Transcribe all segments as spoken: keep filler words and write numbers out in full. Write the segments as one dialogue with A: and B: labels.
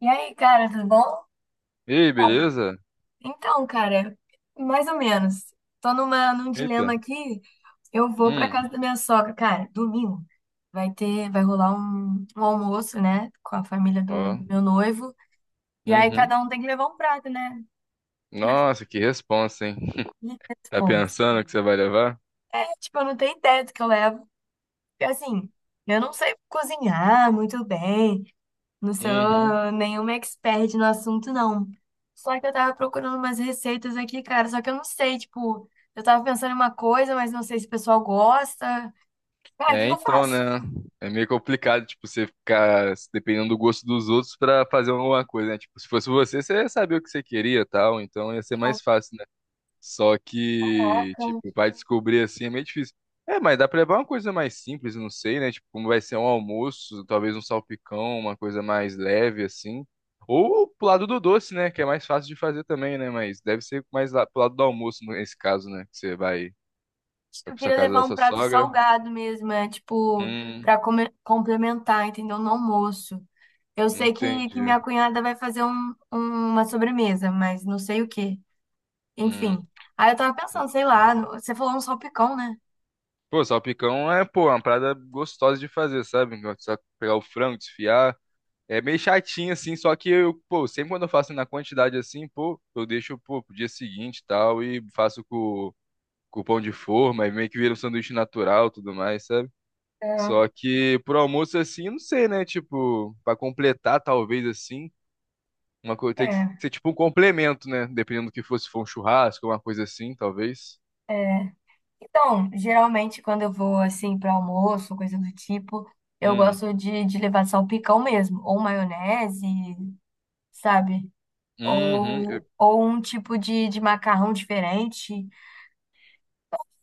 A: E aí, cara, tudo bom?
B: E aí, beleza?
A: Então, cara, mais ou menos. Tô numa, num dilema
B: Eita.
A: aqui. Eu vou pra
B: Hum,
A: casa da minha sogra, cara, domingo. Vai ter, vai rolar um, um almoço, né, com a família do
B: ó.
A: meu noivo. E aí
B: Uhum.
A: cada um tem que levar um prato, né?
B: Nossa, que responsa, hein?
A: E esse
B: Tá
A: ponto.
B: pensando que você vai levar?
A: É, tipo, eu não tenho ideia do que eu levo. Porque, assim, eu não sei cozinhar muito bem. Não
B: Uhum.
A: sou nenhuma expert no assunto, não. Só que eu tava procurando umas receitas aqui, cara. Só que eu não sei, tipo, eu tava pensando em uma coisa, mas não sei se o pessoal gosta. Cara, o que
B: É,
A: que eu
B: então,
A: faço?
B: né? É meio complicado, tipo, você ficar dependendo do gosto dos outros pra fazer alguma coisa, né? Tipo, se fosse você, você ia saber o que você queria e tal, então ia ser
A: Oh,
B: mais fácil, né? Só que,
A: caraca.
B: tipo, vai descobrir assim é meio difícil. É, mas dá pra levar uma coisa mais simples, não sei, né? Tipo, como vai ser um almoço, talvez um salpicão, uma coisa mais leve, assim. Ou pro lado do doce, né? Que é mais fácil de fazer também, né? Mas deve ser mais lá, pro lado do almoço, nesse caso, né? Que você vai,
A: Acho que
B: vai
A: eu
B: pra sua
A: queria
B: casa da
A: levar um
B: sua
A: prato
B: sogra.
A: salgado mesmo, é tipo,
B: Hum,
A: pra come- complementar, entendeu? No almoço. Eu sei que, que
B: entendi.
A: minha cunhada vai fazer um- um, uma sobremesa, mas não sei o quê.
B: Hum.
A: Enfim. Aí eu tava pensando, sei lá, no- você falou um salpicão, né?
B: Pô, salpicão é, pô, uma parada gostosa de fazer, sabe? Só pegar o frango, desfiar. É meio chatinho, assim, só que eu, pô, sempre quando eu faço na quantidade assim, pô, eu deixo, pô, pro dia seguinte e tal, e faço com, com pão de forma, e meio que vira um sanduíche natural e tudo mais, sabe?
A: É,
B: Só que pro almoço, assim, eu não sei, né? Tipo, pra completar, talvez, assim, uma coisa tem que ser tipo um complemento, né? Dependendo do que fosse, se for um churrasco, uma coisa assim, talvez.
A: é. Então, geralmente quando eu vou assim para almoço, coisa do tipo, eu
B: Hum.
A: gosto de, de levar salpicão mesmo, ou maionese, sabe?
B: Uhum. Eu,
A: Ou, ou um tipo de, de macarrão diferente.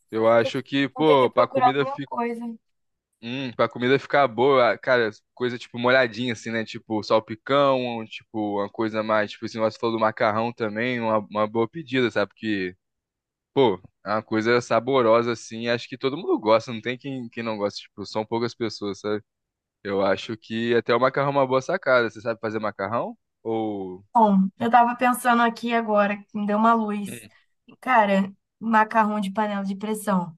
B: eu
A: Vou ter que
B: acho que,
A: vou ter
B: pô,
A: que
B: pra
A: procurar
B: comida
A: alguma coisa.
B: Hum, pra comida ficar boa, cara, coisa tipo molhadinha, assim, né? Tipo salpicão, tipo uma coisa mais, tipo esse negócio que você falou do macarrão também, uma, uma boa pedida, sabe? Porque, pô, é uma coisa saborosa, assim, acho que todo mundo gosta, não tem quem, quem não gosta, tipo, são poucas pessoas, sabe? Eu acho que até o macarrão é uma boa sacada. Você sabe fazer macarrão? Ou.
A: Bom, eu tava pensando aqui agora, que me deu uma luz.
B: Hum.
A: Cara, macarrão de panela de pressão.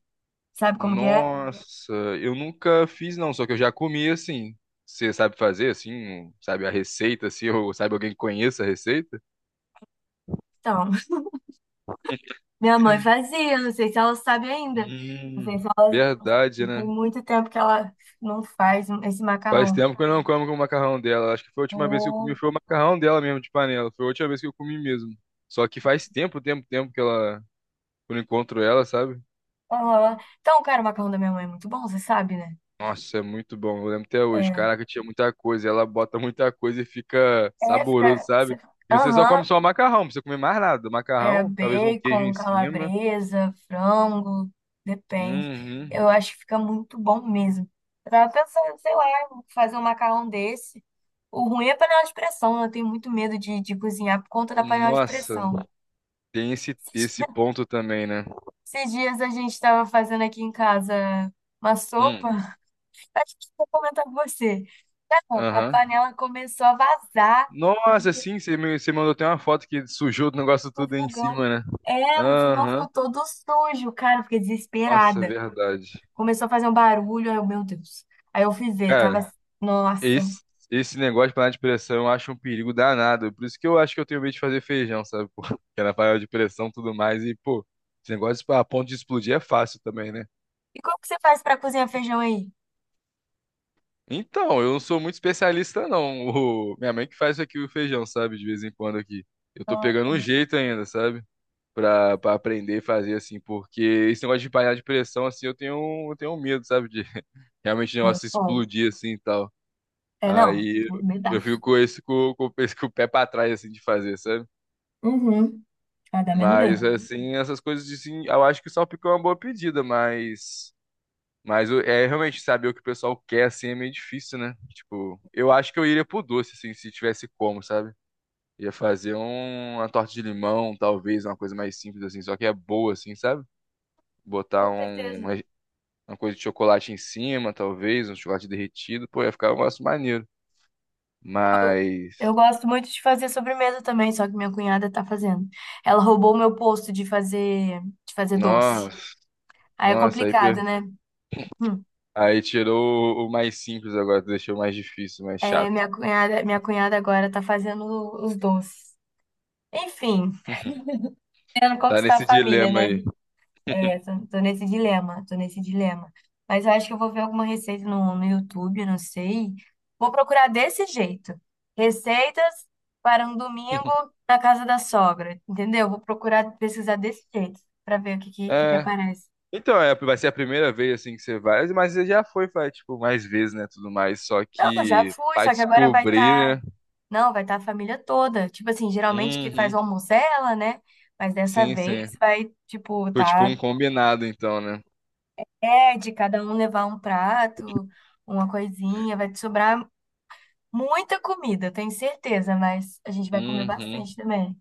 A: Sabe como que é?
B: Nossa, eu nunca fiz, não, só que eu já comi assim. Você sabe fazer, assim, sabe a receita, assim, ou sabe alguém que conheça a receita?
A: Então, minha mãe fazia, não sei se ela sabe ainda. Não sei
B: Hum,
A: se ela
B: verdade,
A: Tem
B: né?
A: muito tempo que ela não faz esse
B: Faz
A: macarrão.
B: tempo que eu não como com o macarrão dela. Acho que foi a última vez que eu comi,
A: Ô,
B: foi o macarrão dela mesmo, de panela. Foi a última vez que eu comi mesmo. Só que faz tempo, tempo, tempo que ela, que eu não encontro ela, sabe?
A: aham. Então, cara, o macarrão da minha mãe é muito bom, você sabe, né?
B: Nossa, é muito bom. Eu lembro até hoje.
A: É,
B: Caraca, tinha muita coisa. Ela bota muita coisa e fica
A: é
B: saboroso,
A: fica.
B: sabe?
A: cê-
B: E você só
A: Aham,
B: come só macarrão, não precisa comer mais nada.
A: é
B: Macarrão, talvez um queijo
A: bacon,
B: em cima.
A: calabresa, frango, depende.
B: Uhum.
A: Eu acho que fica muito bom mesmo. Eu tava pensando, sei lá, fazer um macarrão desse. O ruim é a panela de pressão, né? Eu tenho muito medo de, de cozinhar por conta da panela de
B: Nossa,
A: pressão.
B: tem esse, esse ponto também, né?
A: Esses dias a gente tava fazendo aqui em casa uma sopa.
B: Hum.
A: Acho que vou comentar com você. Cara, a
B: Aham.
A: panela começou a vazar
B: Nossa,
A: e
B: sim, você me, você mandou até uma foto que sujou o negócio
A: o
B: tudo em
A: fogão.
B: cima, né?
A: É, o fogão
B: Aham.
A: ficou todo sujo, cara. Eu fiquei
B: Nossa,
A: desesperada.
B: verdade.
A: Começou a fazer um barulho. Aí, eu, meu Deus. Aí eu fui ver, tava.
B: Cara,
A: Assim, nossa.
B: esse, esse negócio de panela de pressão eu acho um perigo danado. Por isso que eu acho que eu tenho medo de fazer feijão, sabe? Pô, que era panela de pressão e tudo mais. E, pô, esse negócio a ponto de explodir é fácil também, né?
A: E como que você faz pra cozinhar feijão aí?
B: Então, eu não sou muito especialista, não. O- minha mãe que faz aqui, o feijão, sabe? De vez em quando aqui. Eu tô
A: Ah,
B: pegando
A: tá.
B: um jeito ainda, sabe? pra, pra aprender e fazer, assim, porque esse negócio de panela de pressão, assim, eu tenho, um- eu tenho um medo, sabe, de realmente o
A: É,
B: negócio
A: foda.
B: explodir, assim, e tal.
A: É, não.
B: Aí
A: Me dá.
B: eu fico com esse, com, com, esse- com o pé pra trás, assim, de fazer, sabe?
A: Uhum. Ah, dá menos
B: Mas,
A: mesmo.
B: assim, essas coisas, de, assim, eu acho que o salpicão é uma boa pedida, mas... Mas o- é realmente saber o que o pessoal quer, assim, é meio difícil, né? Tipo, eu acho que eu iria pro doce, assim, se tivesse como, sabe? Ia fazer um- uma torta de limão, talvez, uma coisa mais simples, assim, só que é boa, assim, sabe? Botar
A: Com
B: um,
A: certeza.
B: Uma coisa de chocolate em cima, talvez, um chocolate derretido, pô, ia ficar um negócio maneiro. Mas,
A: Eu gosto muito de fazer sobremesa também, só que minha cunhada tá fazendo. Ela roubou o meu posto de fazer, de fazer doce.
B: nossa,
A: Aí é
B: nossa, aí, pe-
A: complicado, né? Hum.
B: aí tirou o mais simples agora, deixou o mais difícil, mais
A: É,
B: chato.
A: minha cunhada, minha cunhada agora tá fazendo os doces. Enfim, querendo
B: Tá
A: conquistar a
B: nesse
A: família,
B: dilema
A: né?
B: aí.
A: É, tô, tô nesse dilema, tô nesse dilema. Mas eu acho que eu vou ver alguma receita no, no YouTube, eu não sei. Vou procurar desse jeito. Receitas para um domingo na casa da sogra, entendeu? Vou procurar pesquisar desse jeito pra ver o que que, que que
B: É.
A: aparece.
B: Então, é, vai ser a primeira vez assim que você vai, mas você já foi, vai, tipo, mais vezes, né, tudo mais, só
A: Não, eu já
B: que
A: fui,
B: vai
A: só que agora vai
B: descobrir,
A: estar
B: né?
A: Não, vai estar a família toda. Tipo assim, geralmente que faz
B: Uhum.
A: o almoço é ela, né? Mas dessa
B: Sim, sim.
A: vez vai, tipo,
B: Foi tipo um
A: tá.
B: combinado então, né?
A: É, de cada um levar um prato, uma coisinha. Vai te sobrar muita comida, eu tenho certeza, mas a gente vai comer
B: Uhum.
A: bastante também.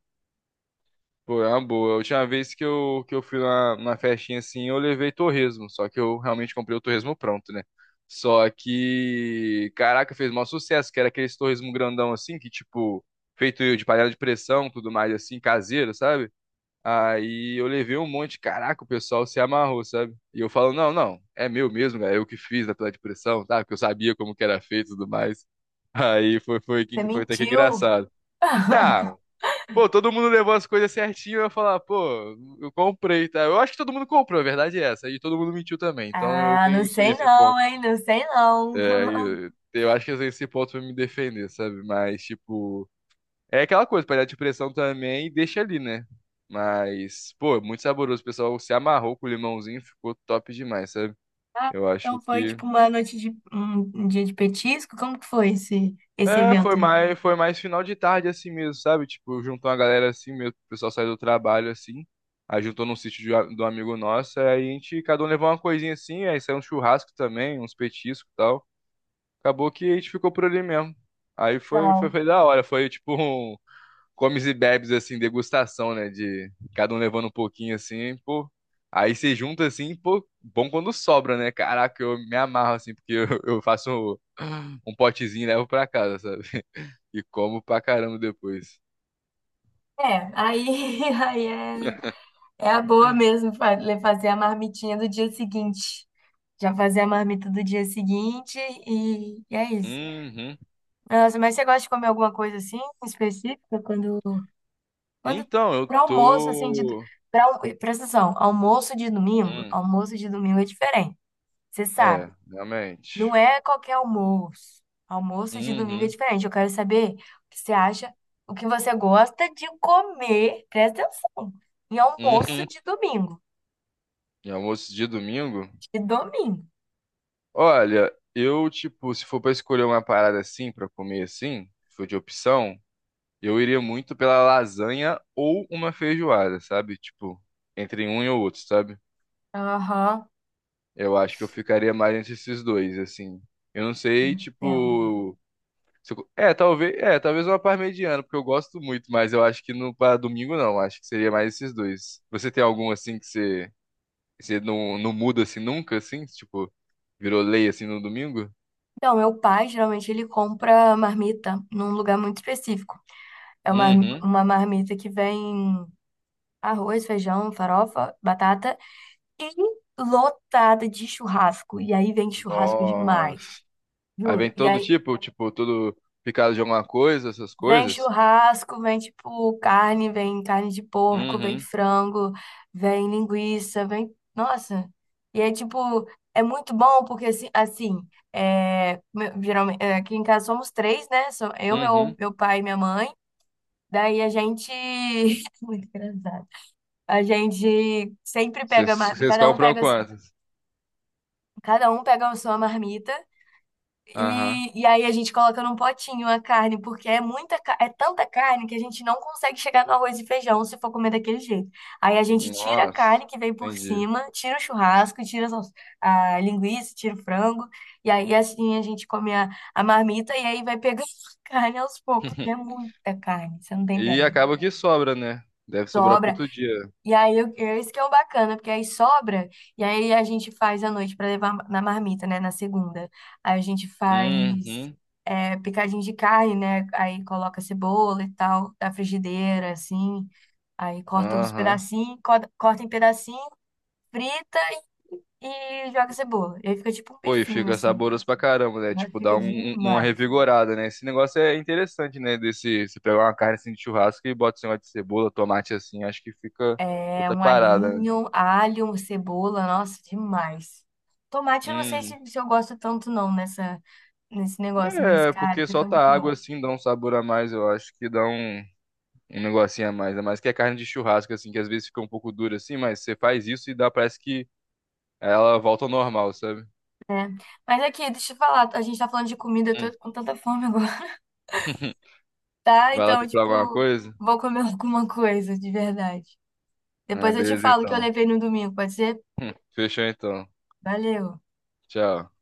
B: Pô, é uma boa. A última vez que eu, que eu fui na, na festinha assim, eu levei torresmo. Só que eu realmente comprei o torresmo pronto, né? Só que, caraca, fez maior sucesso, que era aqueles torresmo grandão assim, que tipo, feito de panela de pressão, tudo mais assim, caseiro, sabe? Aí eu levei um monte, caraca, o pessoal se amarrou, sabe? E eu falo, não, não, é meu mesmo, é eu que fiz na panela de pressão, tá? Porque eu sabia como que era feito e tudo mais. Aí foi, foi,
A: Você
B: foi até que
A: mentiu?
B: engraçado. Ah, Pô, todo mundo levou as coisas certinho, eu ia falar, pô, eu comprei, tá? Eu acho que todo mundo comprou, a verdade é essa. E todo mundo mentiu também, então eu
A: Ah, não
B: tenho isso,
A: sei
B: esse
A: não,
B: ponto.
A: hein? Não sei não.
B: É, eu, eu acho que eu tenho esse ponto pra me defender, sabe? Mas, tipo, é aquela coisa, panela de pressão também, deixa ali, né? Mas, pô, muito saboroso. O pessoal se amarrou com o limãozinho, ficou top demais, sabe?
A: Ah,
B: Eu acho
A: então foi
B: que
A: tipo uma noite de um, um dia de petisco? Como que foi esse, esse
B: É,
A: evento
B: foi
A: aí?
B: mais, foi mais final de tarde assim mesmo, sabe? Tipo, juntou uma galera assim mesmo, o pessoal saiu do trabalho assim. Aí juntou num sítio de, um- de um amigo nosso, aí a gente, cada um levou uma coisinha assim, aí saiu um churrasco também, uns petiscos e tal. Acabou que a gente ficou por ali mesmo. Aí foi, foi,
A: Tal.
B: foi da hora, foi tipo um comes e bebes assim, degustação, né? De cada um levando um pouquinho assim, pô. Aí você junta assim, pô, bom quando sobra, né? Caraca, eu me amarro assim, porque eu, eu faço um um potezinho e levo pra casa, sabe? E como pra caramba depois.
A: É, aí, aí é. É a boa mesmo fa- fazer a marmitinha do dia seguinte. Já fazer a marmita do dia seguinte e, e é isso.
B: Uhum.
A: Nossa, mas você gosta de comer alguma coisa assim específica quando quando
B: Então, eu
A: para almoço assim de
B: tô.
A: para presta atenção, almoço de domingo,
B: Hum,
A: almoço de domingo é diferente. Você
B: é,
A: sabe, não
B: realmente.
A: é qualquer almoço. Almoço de domingo é
B: Uhum.
A: diferente. Eu quero saber o que você acha, o que você gosta de comer. Presta atenção. Em almoço
B: Uhum.
A: de domingo,
B: E almoço de domingo?
A: de domingo.
B: Olha, eu, tipo, se for pra escolher uma parada assim, pra comer assim, se for de opção, eu iria muito pela lasanha ou uma feijoada, sabe? Tipo, entre um e o outro, sabe?
A: Aham,
B: Eu acho que eu ficaria mais entre esses dois, assim. Eu não sei,
A: entendo.
B: tipo. Se eu- É, talvez, é, talvez uma par mediana, porque eu gosto muito, mas eu acho que no para domingo não, acho que seria mais esses dois. Você tem algum assim que você, que você não, não muda assim nunca, assim, tipo, virou lei assim no domingo?
A: Então, meu pai, geralmente, ele compra marmita num lugar muito específico. É uma,
B: Uhum.
A: uma marmita que vem arroz, feijão, farofa, batata e lotada de churrasco. E aí vem churrasco demais,
B: Nossa. Aí vem
A: juro. E
B: todo
A: aí
B: tipo, tipo, todo picado de alguma coisa, essas
A: vem
B: coisas.
A: churrasco, vem tipo carne, vem carne de porco, vem
B: Uhum.
A: frango, vem linguiça, vem. Nossa! E é tipo, é muito bom porque assim, assim é, me- geralmente, é, aqui em casa somos três, né? Sou eu, meu,
B: Uhum.
A: meu pai e minha mãe. Daí a gente. Muito engraçado. A gente sempre
B: Vocês
A: pega. mar-
B: vocês
A: Cada um
B: compram
A: pega,
B: quantas?
A: cada um pega a sua marmita.
B: Aham.
A: E, e aí a gente coloca num potinho a carne, porque é muita, ca- é tanta carne que a gente não consegue chegar no arroz e feijão se for comer daquele jeito. Aí a gente tira a
B: Nossa.
A: carne que vem por
B: Entendi.
A: cima, tira o churrasco, tira a, sals- a linguiça, tira o frango, e aí assim a gente come a, a marmita e aí vai pegando a carne aos poucos, porque é muita carne, você não tem
B: E
A: ideia.
B: acaba que sobra, né? Deve sobrar pro
A: Sobra.
B: outro dia.
A: E aí, eu- é isso que é o bacana, porque aí sobra, e aí a gente faz à noite para levar na marmita, né, na segunda. Aí a gente faz
B: Uhum.
A: é, picadinho de carne, né, aí coloca cebola e tal, da frigideira, assim, aí corta uns
B: Aham.
A: pedacinhos, co- corta em pedacinho, frita e joga cebola. E aí fica tipo um
B: Pô, e
A: bifinho,
B: fica
A: assim,
B: saboroso pra caramba, né?
A: mas
B: Tipo, dá
A: fica
B: um- um- uma
A: demais.
B: revigorada, né? Esse negócio é interessante, né? Desse, você pegar uma carne assim de churrasco e bota esse negócio de cebola, tomate assim, acho que fica
A: É
B: outra
A: um
B: parada, né?
A: alhinho, alho, cebola, nossa, demais. Tomate, eu não sei se,
B: Uhum.
A: se eu gosto tanto não nessa, nesse negócio, mas,
B: É,
A: cara,
B: porque
A: fica
B: solta
A: muito bom.
B: água assim, dá um sabor a mais, eu acho que dá um, um negocinho a mais. Ainda mais que a carne de churrasco, assim, que às vezes fica um pouco dura assim, mas você faz isso e dá, parece que ela volta ao normal, sabe?
A: Mas aqui, deixa eu falar, a gente tá falando de comida, eu
B: Hum.
A: tô com tanta fome agora, tá?
B: Vai lá
A: Então,
B: procurar alguma
A: tipo,
B: coisa?
A: vou comer alguma coisa, de verdade.
B: Ah,
A: Depois eu te
B: beleza
A: falo o que eu
B: então.
A: levei no domingo, pode ser?
B: Fechou então.
A: Valeu!
B: Tchau.